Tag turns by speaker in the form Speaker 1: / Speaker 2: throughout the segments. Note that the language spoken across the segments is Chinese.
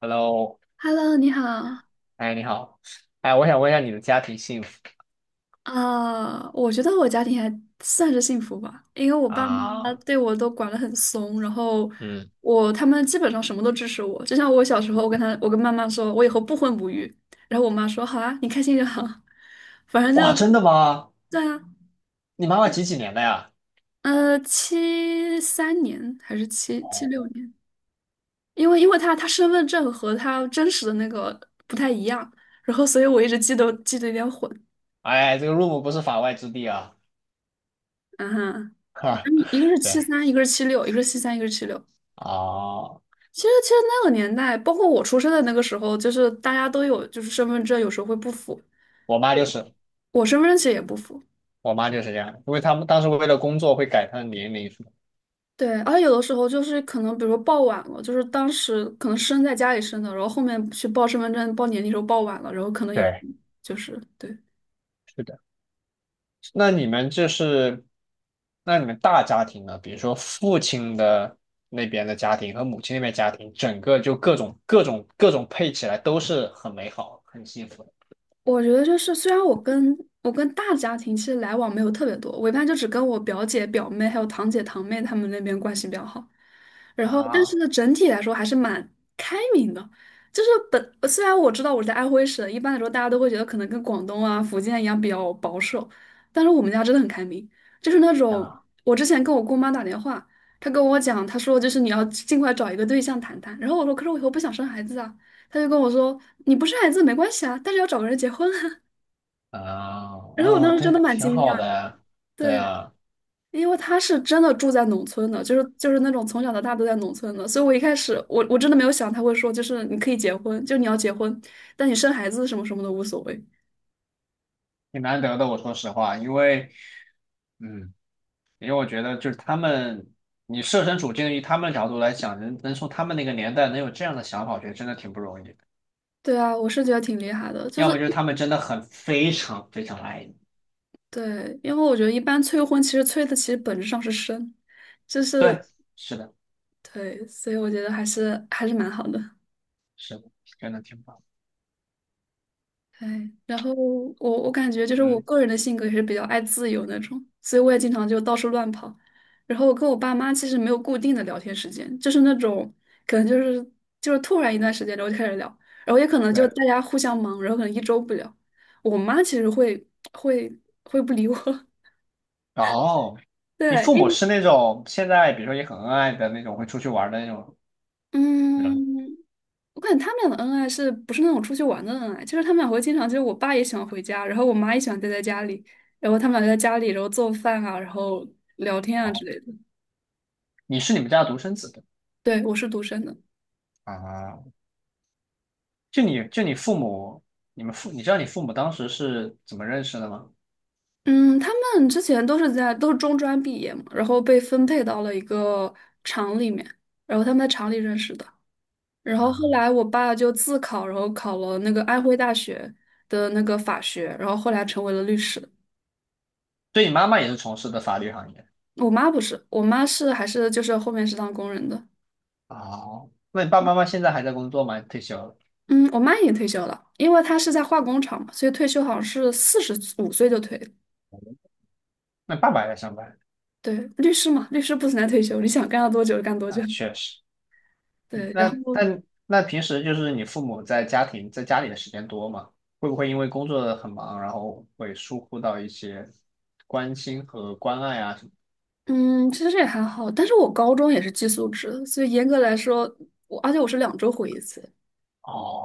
Speaker 1: Hello，
Speaker 2: Hello，你好。
Speaker 1: 哎，你好，哎，我想问一下你的家庭幸福
Speaker 2: 啊我觉得我家庭还算是幸福吧，因为我爸妈
Speaker 1: 啊？
Speaker 2: 对我都管得很松，然后
Speaker 1: 嗯，
Speaker 2: 他们基本上什么都支持我。就像我小时候，我跟妈妈说，我以后不婚不育，然后我妈说好啊，你开心就好。反正
Speaker 1: 哇，
Speaker 2: 就
Speaker 1: 真的吗？
Speaker 2: 对啊，
Speaker 1: 你妈妈几几年的呀？
Speaker 2: 73年还是七七六
Speaker 1: 哦，
Speaker 2: 年，因为他身份证和他真实的那个不太一样，然后所以我一直记得有点混。
Speaker 1: 哎，这个 room 不是法外之地啊！
Speaker 2: 嗯哼，
Speaker 1: 哈，
Speaker 2: 一个是
Speaker 1: 对，
Speaker 2: 七三，一个是七六，一个是七三，一个是七六。
Speaker 1: 哦，
Speaker 2: 其实，那个年代，包括我出生的那个时候，就是大家都有，就是身份证有时候会不符，
Speaker 1: 我妈就是，
Speaker 2: 我身份证其实也不符。
Speaker 1: 我妈就是这样，因为他们当时为了工作会改她的年龄什么。
Speaker 2: 对，而且有的时候就是可能，比如说报晚了，就是当时可能生在家里生的，然后后面去报身份证、报年龄时候报晚了，然后可能也会
Speaker 1: 对，
Speaker 2: 就是对。
Speaker 1: 是的。那你们就是，那你们大家庭呢？比如说父亲的那边的家庭和母亲那边家庭，整个就各种各种各种配起来都是很美好、很幸福的。
Speaker 2: 我觉得就是，虽然我跟大家庭其实来往没有特别多，我一般就只跟我表姐、表妹还有堂姐、堂妹她们那边关系比较好。然后，但是
Speaker 1: 啊
Speaker 2: 呢，整体来说还是蛮开明的。就是虽然我知道我在安徽省，一般来说大家都会觉得可能跟广东啊、福建一样比较保守，但是我们家真的很开明，就是那种
Speaker 1: 啊
Speaker 2: 我之前跟我姑妈打电话，她跟我讲，她说就是你要尽快找一个对象谈谈。然后我说，可是我以后不想生孩子啊。他就跟我说：“你不生孩子没关系啊，但是要找个人结婚啊。”
Speaker 1: 啊！
Speaker 2: 然后我
Speaker 1: 哦，
Speaker 2: 当时真
Speaker 1: 对，
Speaker 2: 的蛮
Speaker 1: 挺
Speaker 2: 惊讶
Speaker 1: 好
Speaker 2: 的，
Speaker 1: 的，对
Speaker 2: 对，
Speaker 1: 啊，
Speaker 2: 因为他是真的住在农村的，就是那种从小到大都在农村的，所以我一开始我真的没有想他会说，就是你可以结婚，就你要结婚，但你生孩子什么什么的无所谓。
Speaker 1: 挺难得的。我说实话，因为嗯，因为我觉得就是他们，你设身处境以他们的角度来讲，能从他们那个年代能有这样的想法，我觉得真的挺不容易的。
Speaker 2: 对啊，我是觉得挺厉害的，就
Speaker 1: 要
Speaker 2: 是
Speaker 1: 么就是他们真的很非常非常爱你，
Speaker 2: 对，因为我觉得一般催婚其实催的其实本质上是生，就是
Speaker 1: 对，是的，
Speaker 2: 对，所以我觉得还是蛮好的。
Speaker 1: 是的，真的挺棒。
Speaker 2: 哎，然后我感觉就是我
Speaker 1: 嗯，
Speaker 2: 个人的性格也是比较爱自由那种，所以我也经常就到处乱跑。然后我跟我爸妈其实没有固定的聊天时间，就是那种可能就是突然一段时间然后就开始聊，然后也可能就
Speaker 1: 对。
Speaker 2: 大家互相忙，然后可能一周不聊。我妈其实会会不理我，
Speaker 1: 哦，你
Speaker 2: 对，
Speaker 1: 父
Speaker 2: 因
Speaker 1: 母
Speaker 2: 为
Speaker 1: 是那种现在比如说也很恩爱的那种，会出去玩的那种人吗？
Speaker 2: 嗯。我感觉他们俩的恩爱是不是那种出去玩的恩爱？就是他们俩会经常，就是我爸也喜欢回家，然后我妈也喜欢待在家里，然后他们俩就在家里，然后做饭啊，然后聊天啊之
Speaker 1: 哦，
Speaker 2: 类的。
Speaker 1: 你是你们家的独生子的。
Speaker 2: 对，我是独生的。
Speaker 1: 啊，就你父母，你知道你父母当时是怎么认识的吗？
Speaker 2: 嗯，他们之前都是中专毕业嘛，然后被分配到了一个厂里面，然后他们在厂里认识的。然后后
Speaker 1: 啊，
Speaker 2: 来我爸就自考，然后考了那个安徽大学的那个法学，然后后来成为了律师。
Speaker 1: 对你妈妈也是从事的法律行业。
Speaker 2: 我妈不是，我妈是还是就是后面是当工人的。
Speaker 1: 哦，那你爸爸妈妈现在还在工作吗？退休了？
Speaker 2: 嗯，我妈已经退休了，因为她是在化工厂嘛，所以退休好像是45岁就退了。
Speaker 1: 那爸爸还在上班？
Speaker 2: 对，律师嘛，律师不存在退休，你想干到多久就干多久。
Speaker 1: 啊，确实。
Speaker 2: 对，然
Speaker 1: 那
Speaker 2: 后
Speaker 1: 那那平时就是你父母在家庭在家里的时间多吗？会不会因为工作很忙，然后会疏忽到一些关心和关爱啊什么？
Speaker 2: 嗯，其实也还好，但是我高中也是寄宿制，所以严格来说，而且我是2周回1次，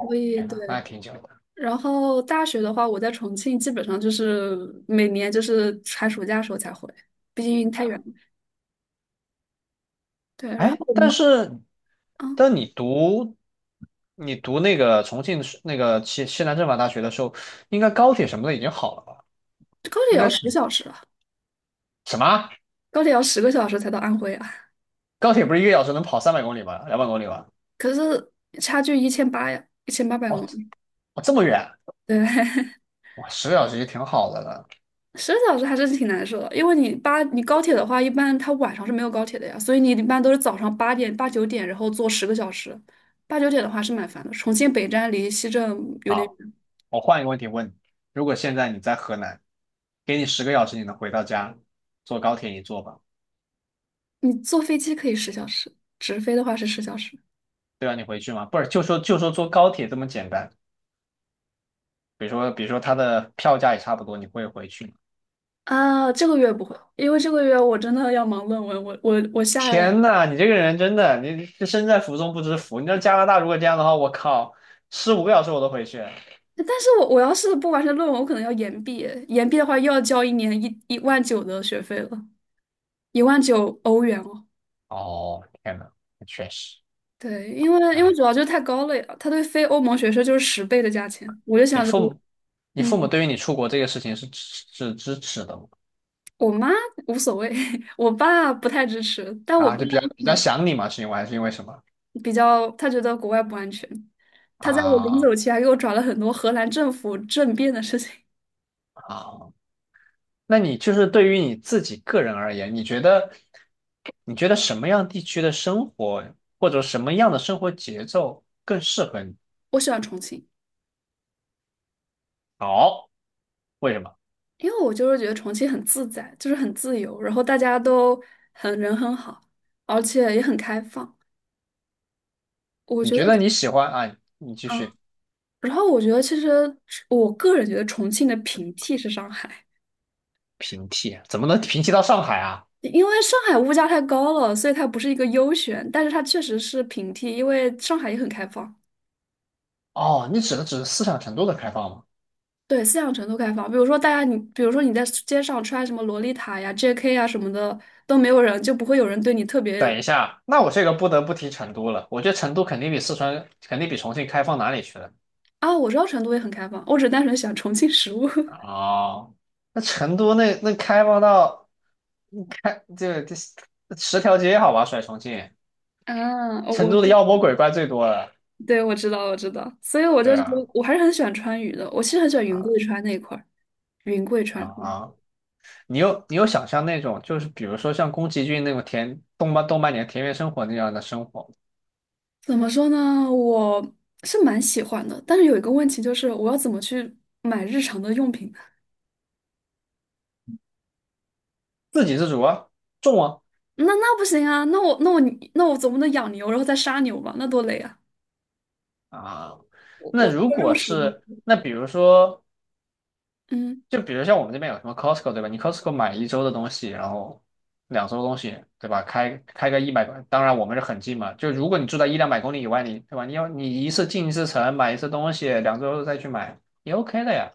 Speaker 2: 所以
Speaker 1: 天
Speaker 2: 对。
Speaker 1: 呐，那还挺久的。
Speaker 2: 然后大学的话，我在重庆基本上就是每年就是寒暑假的时候才回，毕竟太远了。对，然
Speaker 1: 哎，
Speaker 2: 后我
Speaker 1: 但
Speaker 2: 妈
Speaker 1: 是，
Speaker 2: 啊，
Speaker 1: 但你读那个重庆是那个西南政法大学的时候，应该高铁什么的已经好了吧？
Speaker 2: 这高铁
Speaker 1: 应
Speaker 2: 也要
Speaker 1: 该是
Speaker 2: 十小时啊，
Speaker 1: 什么？
Speaker 2: 高铁要十个小时才到安徽啊。
Speaker 1: 高铁不是一个小时能跑300公里吗？两百公里吗？
Speaker 2: 可是差距一千八呀，一千八百
Speaker 1: 哦，
Speaker 2: 公里，
Speaker 1: 哦这么远，
Speaker 2: 对，
Speaker 1: 哇，十个小时也挺好的了。
Speaker 2: 十个小时还是挺难受的。因为你高铁的话，一般它晚上是没有高铁的呀，所以你一般都是早上8点、八九点，然后坐10个小时。八九点的话是蛮烦的，重庆北站离西站有点
Speaker 1: 好，
Speaker 2: 远。
Speaker 1: 我换一个问题问你：如果现在你在河南，给你十个小时，你能回到家，坐高铁你坐吧？
Speaker 2: 你坐飞机可以十小时，直飞的话是十小时。
Speaker 1: 对吧？你回去吗？不是，就说坐高铁这么简单，比如说它的票价也差不多，你会回去吗？
Speaker 2: 啊，这个月不会，因为这个月我真的要忙论文，我我我下，
Speaker 1: 天呐，你这个人真的，你这身在福中不知福。你知道加拿大如果这样的话，我靠，15个小时我都回去。
Speaker 2: 但是我要是不完成论文，我可能要延毕，延毕的话又要交一年一万九的学费了。1万9欧元哦。
Speaker 1: 哦，天呐，确实，
Speaker 2: 对，因为
Speaker 1: 哎，
Speaker 2: 主要就是太高了呀，它对非欧盟学生就是10倍的价钱。我就
Speaker 1: 你
Speaker 2: 想着
Speaker 1: 父
Speaker 2: 我，
Speaker 1: 母，你
Speaker 2: 嗯，
Speaker 1: 父母对于你出国这个事情是支持的吗？
Speaker 2: 我妈无所谓，我爸不太支持，但我
Speaker 1: 啊，
Speaker 2: 爸
Speaker 1: 就比较
Speaker 2: 嗯
Speaker 1: 想你嘛，是因为还是因为什么？
Speaker 2: 比较，他觉得国外不安全。他在我临
Speaker 1: 啊
Speaker 2: 走前还给我转了很多荷兰政府政变的事情。
Speaker 1: 啊，那你就是对于你自己个人而言，你觉得什么样地区的生活或者什么样的生活节奏更适合你？
Speaker 2: 我喜欢重庆，
Speaker 1: 好，为什么？
Speaker 2: 因为我就是觉得重庆很自在，就是很自由，然后大家都很人很好，而且也很开放。我
Speaker 1: 你
Speaker 2: 觉
Speaker 1: 觉得
Speaker 2: 得。
Speaker 1: 你喜欢啊？你继
Speaker 2: 嗯。
Speaker 1: 续
Speaker 2: 然后我觉得，其实我个人觉得重庆的平替是上海，
Speaker 1: 平替，怎么能平替到上海啊？
Speaker 2: 因为上海物价太高了，所以它不是一个优选，但是它确实是平替，因为上海也很开放，
Speaker 1: 哦，你指的只是思想程度的开放吗？
Speaker 2: 对，思想程度开放。比如说大家你，比如说你在街上穿什么洛丽塔呀、JK 呀什么的，都没有人，就不会有人对你特别
Speaker 1: 等一下，那我这个不得不提成都了。我觉得成都肯定比四川，肯定比重庆开放哪里去了？
Speaker 2: 啊。我知道成都也很开放，我只单纯喜欢重庆食物。
Speaker 1: 哦，那成都那那开放到这10条街好吧，甩重庆，
Speaker 2: 嗯，我
Speaker 1: 成
Speaker 2: 我
Speaker 1: 都的
Speaker 2: 知，
Speaker 1: 妖魔鬼怪最多了。
Speaker 2: 对，我知道，我知道，所以我就
Speaker 1: 对
Speaker 2: 觉得
Speaker 1: 啊，
Speaker 2: 我还是很喜欢川渝的，我其实很喜欢云贵
Speaker 1: 啊
Speaker 2: 川那一块儿，云贵
Speaker 1: 啊
Speaker 2: 川。
Speaker 1: 啊！你有想象那种，就是比如说像宫崎骏那种田动漫动漫里的田园生活那样的生活吗？
Speaker 2: 怎么说呢？我是蛮喜欢的，但是有一个问题就是，我要怎么去买日常的用品呢？
Speaker 1: 自给自足啊，种啊
Speaker 2: 那不行啊！那我总不能养牛然后再杀牛吧？那多累啊！
Speaker 1: 啊。
Speaker 2: 我
Speaker 1: 那
Speaker 2: 我是
Speaker 1: 如
Speaker 2: 个肉
Speaker 1: 果
Speaker 2: 食动
Speaker 1: 是
Speaker 2: 物。
Speaker 1: 那比如说，
Speaker 2: 嗯
Speaker 1: 就比如像我们这边有什么 Costco 对吧？你 Costco 买一周的东西，然后两周的东西对吧？开个一百，当然我们是很近嘛。就如果你住在一两百公里以外，你对吧？你要你一次进一次城，买一次东西，两周再去买也 OK 的呀。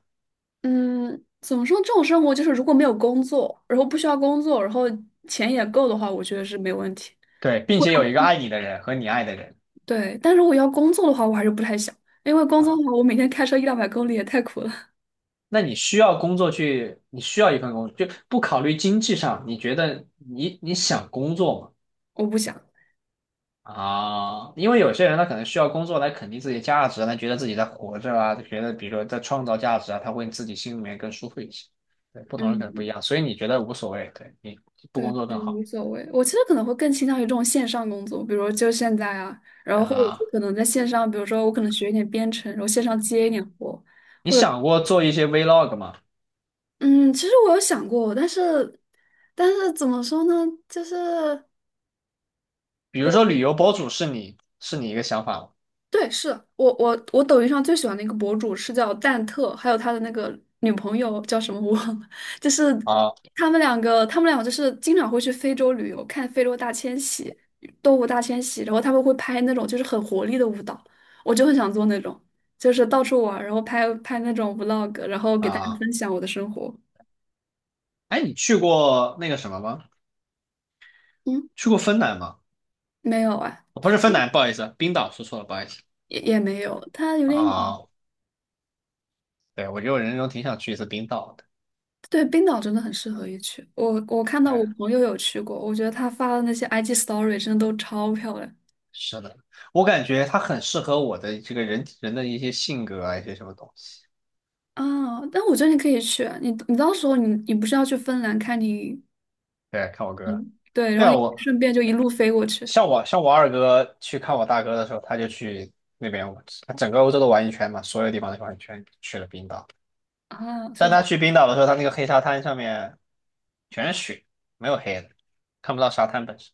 Speaker 2: 嗯，怎么说？这种生活就是如果没有工作，然后不需要工作，然后钱也够的话，我觉得是没问题。
Speaker 1: 对，并且有一个爱你的人和你爱的人。
Speaker 2: 对，但如果要工作的话，我还是不太想，因为工作的话，我每天开车一两百公里也太苦了，
Speaker 1: 那你需要工作去，你需要一份工作，就不考虑经济上，你觉得你想工作吗？
Speaker 2: 我不想。
Speaker 1: 啊，因为有些人他可能需要工作来肯定自己的价值，他觉得自己在活着啊，他觉得比如说在创造价值啊，他会自己心里面更舒服一些。对，不同人可能不一
Speaker 2: 嗯，
Speaker 1: 样，所以你觉得无所谓，对你不
Speaker 2: 对，
Speaker 1: 工作
Speaker 2: 就
Speaker 1: 更好
Speaker 2: 无所谓。我其实可能会更倾向于这种线上工作，比如就现在啊，然后我者说
Speaker 1: 啊？
Speaker 2: 可能在线上，比如说我可能学一点编程，然后线上接一点活，
Speaker 1: 你
Speaker 2: 或者
Speaker 1: 想过做一些 vlog 吗？
Speaker 2: 嗯，其实我有想过，但是怎么说呢？就是。
Speaker 1: 比如说
Speaker 2: 我。
Speaker 1: 旅游博主是你一个想法吗？
Speaker 2: 对，是我抖音上最喜欢的一个博主是叫蛋特，还有他的那个女朋友叫什么我忘了，就是
Speaker 1: 啊
Speaker 2: 他们两个就是经常会去非洲旅游，看非洲大迁徙、动物大迁徙，然后他们会拍那种就是很活力的舞蹈，我就很想做那种，就是到处玩儿然后拍拍那种 vlog，然后给大家
Speaker 1: 啊，
Speaker 2: 分享我的生活。
Speaker 1: 哎，你去过那个什么吗？
Speaker 2: 嗯，
Speaker 1: 去过芬兰吗？
Speaker 2: 没有啊，
Speaker 1: 哦不是芬兰，不好意思，冰岛说错了，不好意思。
Speaker 2: 也没有，他有点远。
Speaker 1: 啊，对，我觉得我人生中挺想去一次冰岛的。
Speaker 2: 对，冰岛真的很适合一去。我看到我
Speaker 1: 对。
Speaker 2: 朋友有去过，我觉得他发的那些 IG story 真的都超漂亮
Speaker 1: 是的，我感觉他很适合我的这个人的一些性格啊，一些什么东西。
Speaker 2: 啊！但我觉得你可以去啊，你到时候你不是要去芬兰看你，
Speaker 1: 对，看我哥，
Speaker 2: 嗯，对，然
Speaker 1: 对
Speaker 2: 后
Speaker 1: 啊，
Speaker 2: 你
Speaker 1: 我
Speaker 2: 顺便就一路飞过去
Speaker 1: 像我二哥去看我大哥的时候，他就去那边，他整个欧洲都玩一圈嘛，所有地方都玩一圈，去了冰岛。
Speaker 2: 啊，
Speaker 1: 但
Speaker 2: 是
Speaker 1: 他去冰岛的时候，他那个黑沙滩上面全是雪，没有黑的，看不到沙滩本身。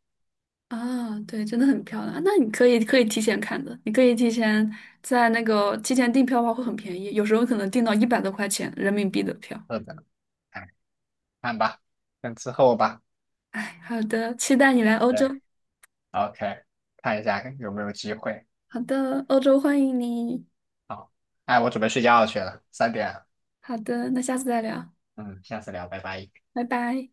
Speaker 2: 啊，对，真的很漂亮。那你可以提前看的，你可以提前在那个提前订票的话会很便宜，有时候可能订到100多块钱人民币的票。
Speaker 1: 是的，哎，看吧，等之后吧。
Speaker 2: 哎，好的，期待你来欧
Speaker 1: 对
Speaker 2: 洲。
Speaker 1: ，OK，看一下有没有机会。
Speaker 2: 好的，欧洲欢迎你。
Speaker 1: 好，哎，我准备睡觉去了，3点。
Speaker 2: 好的，那下次再聊。
Speaker 1: 嗯，下次聊，拜拜。
Speaker 2: 拜拜。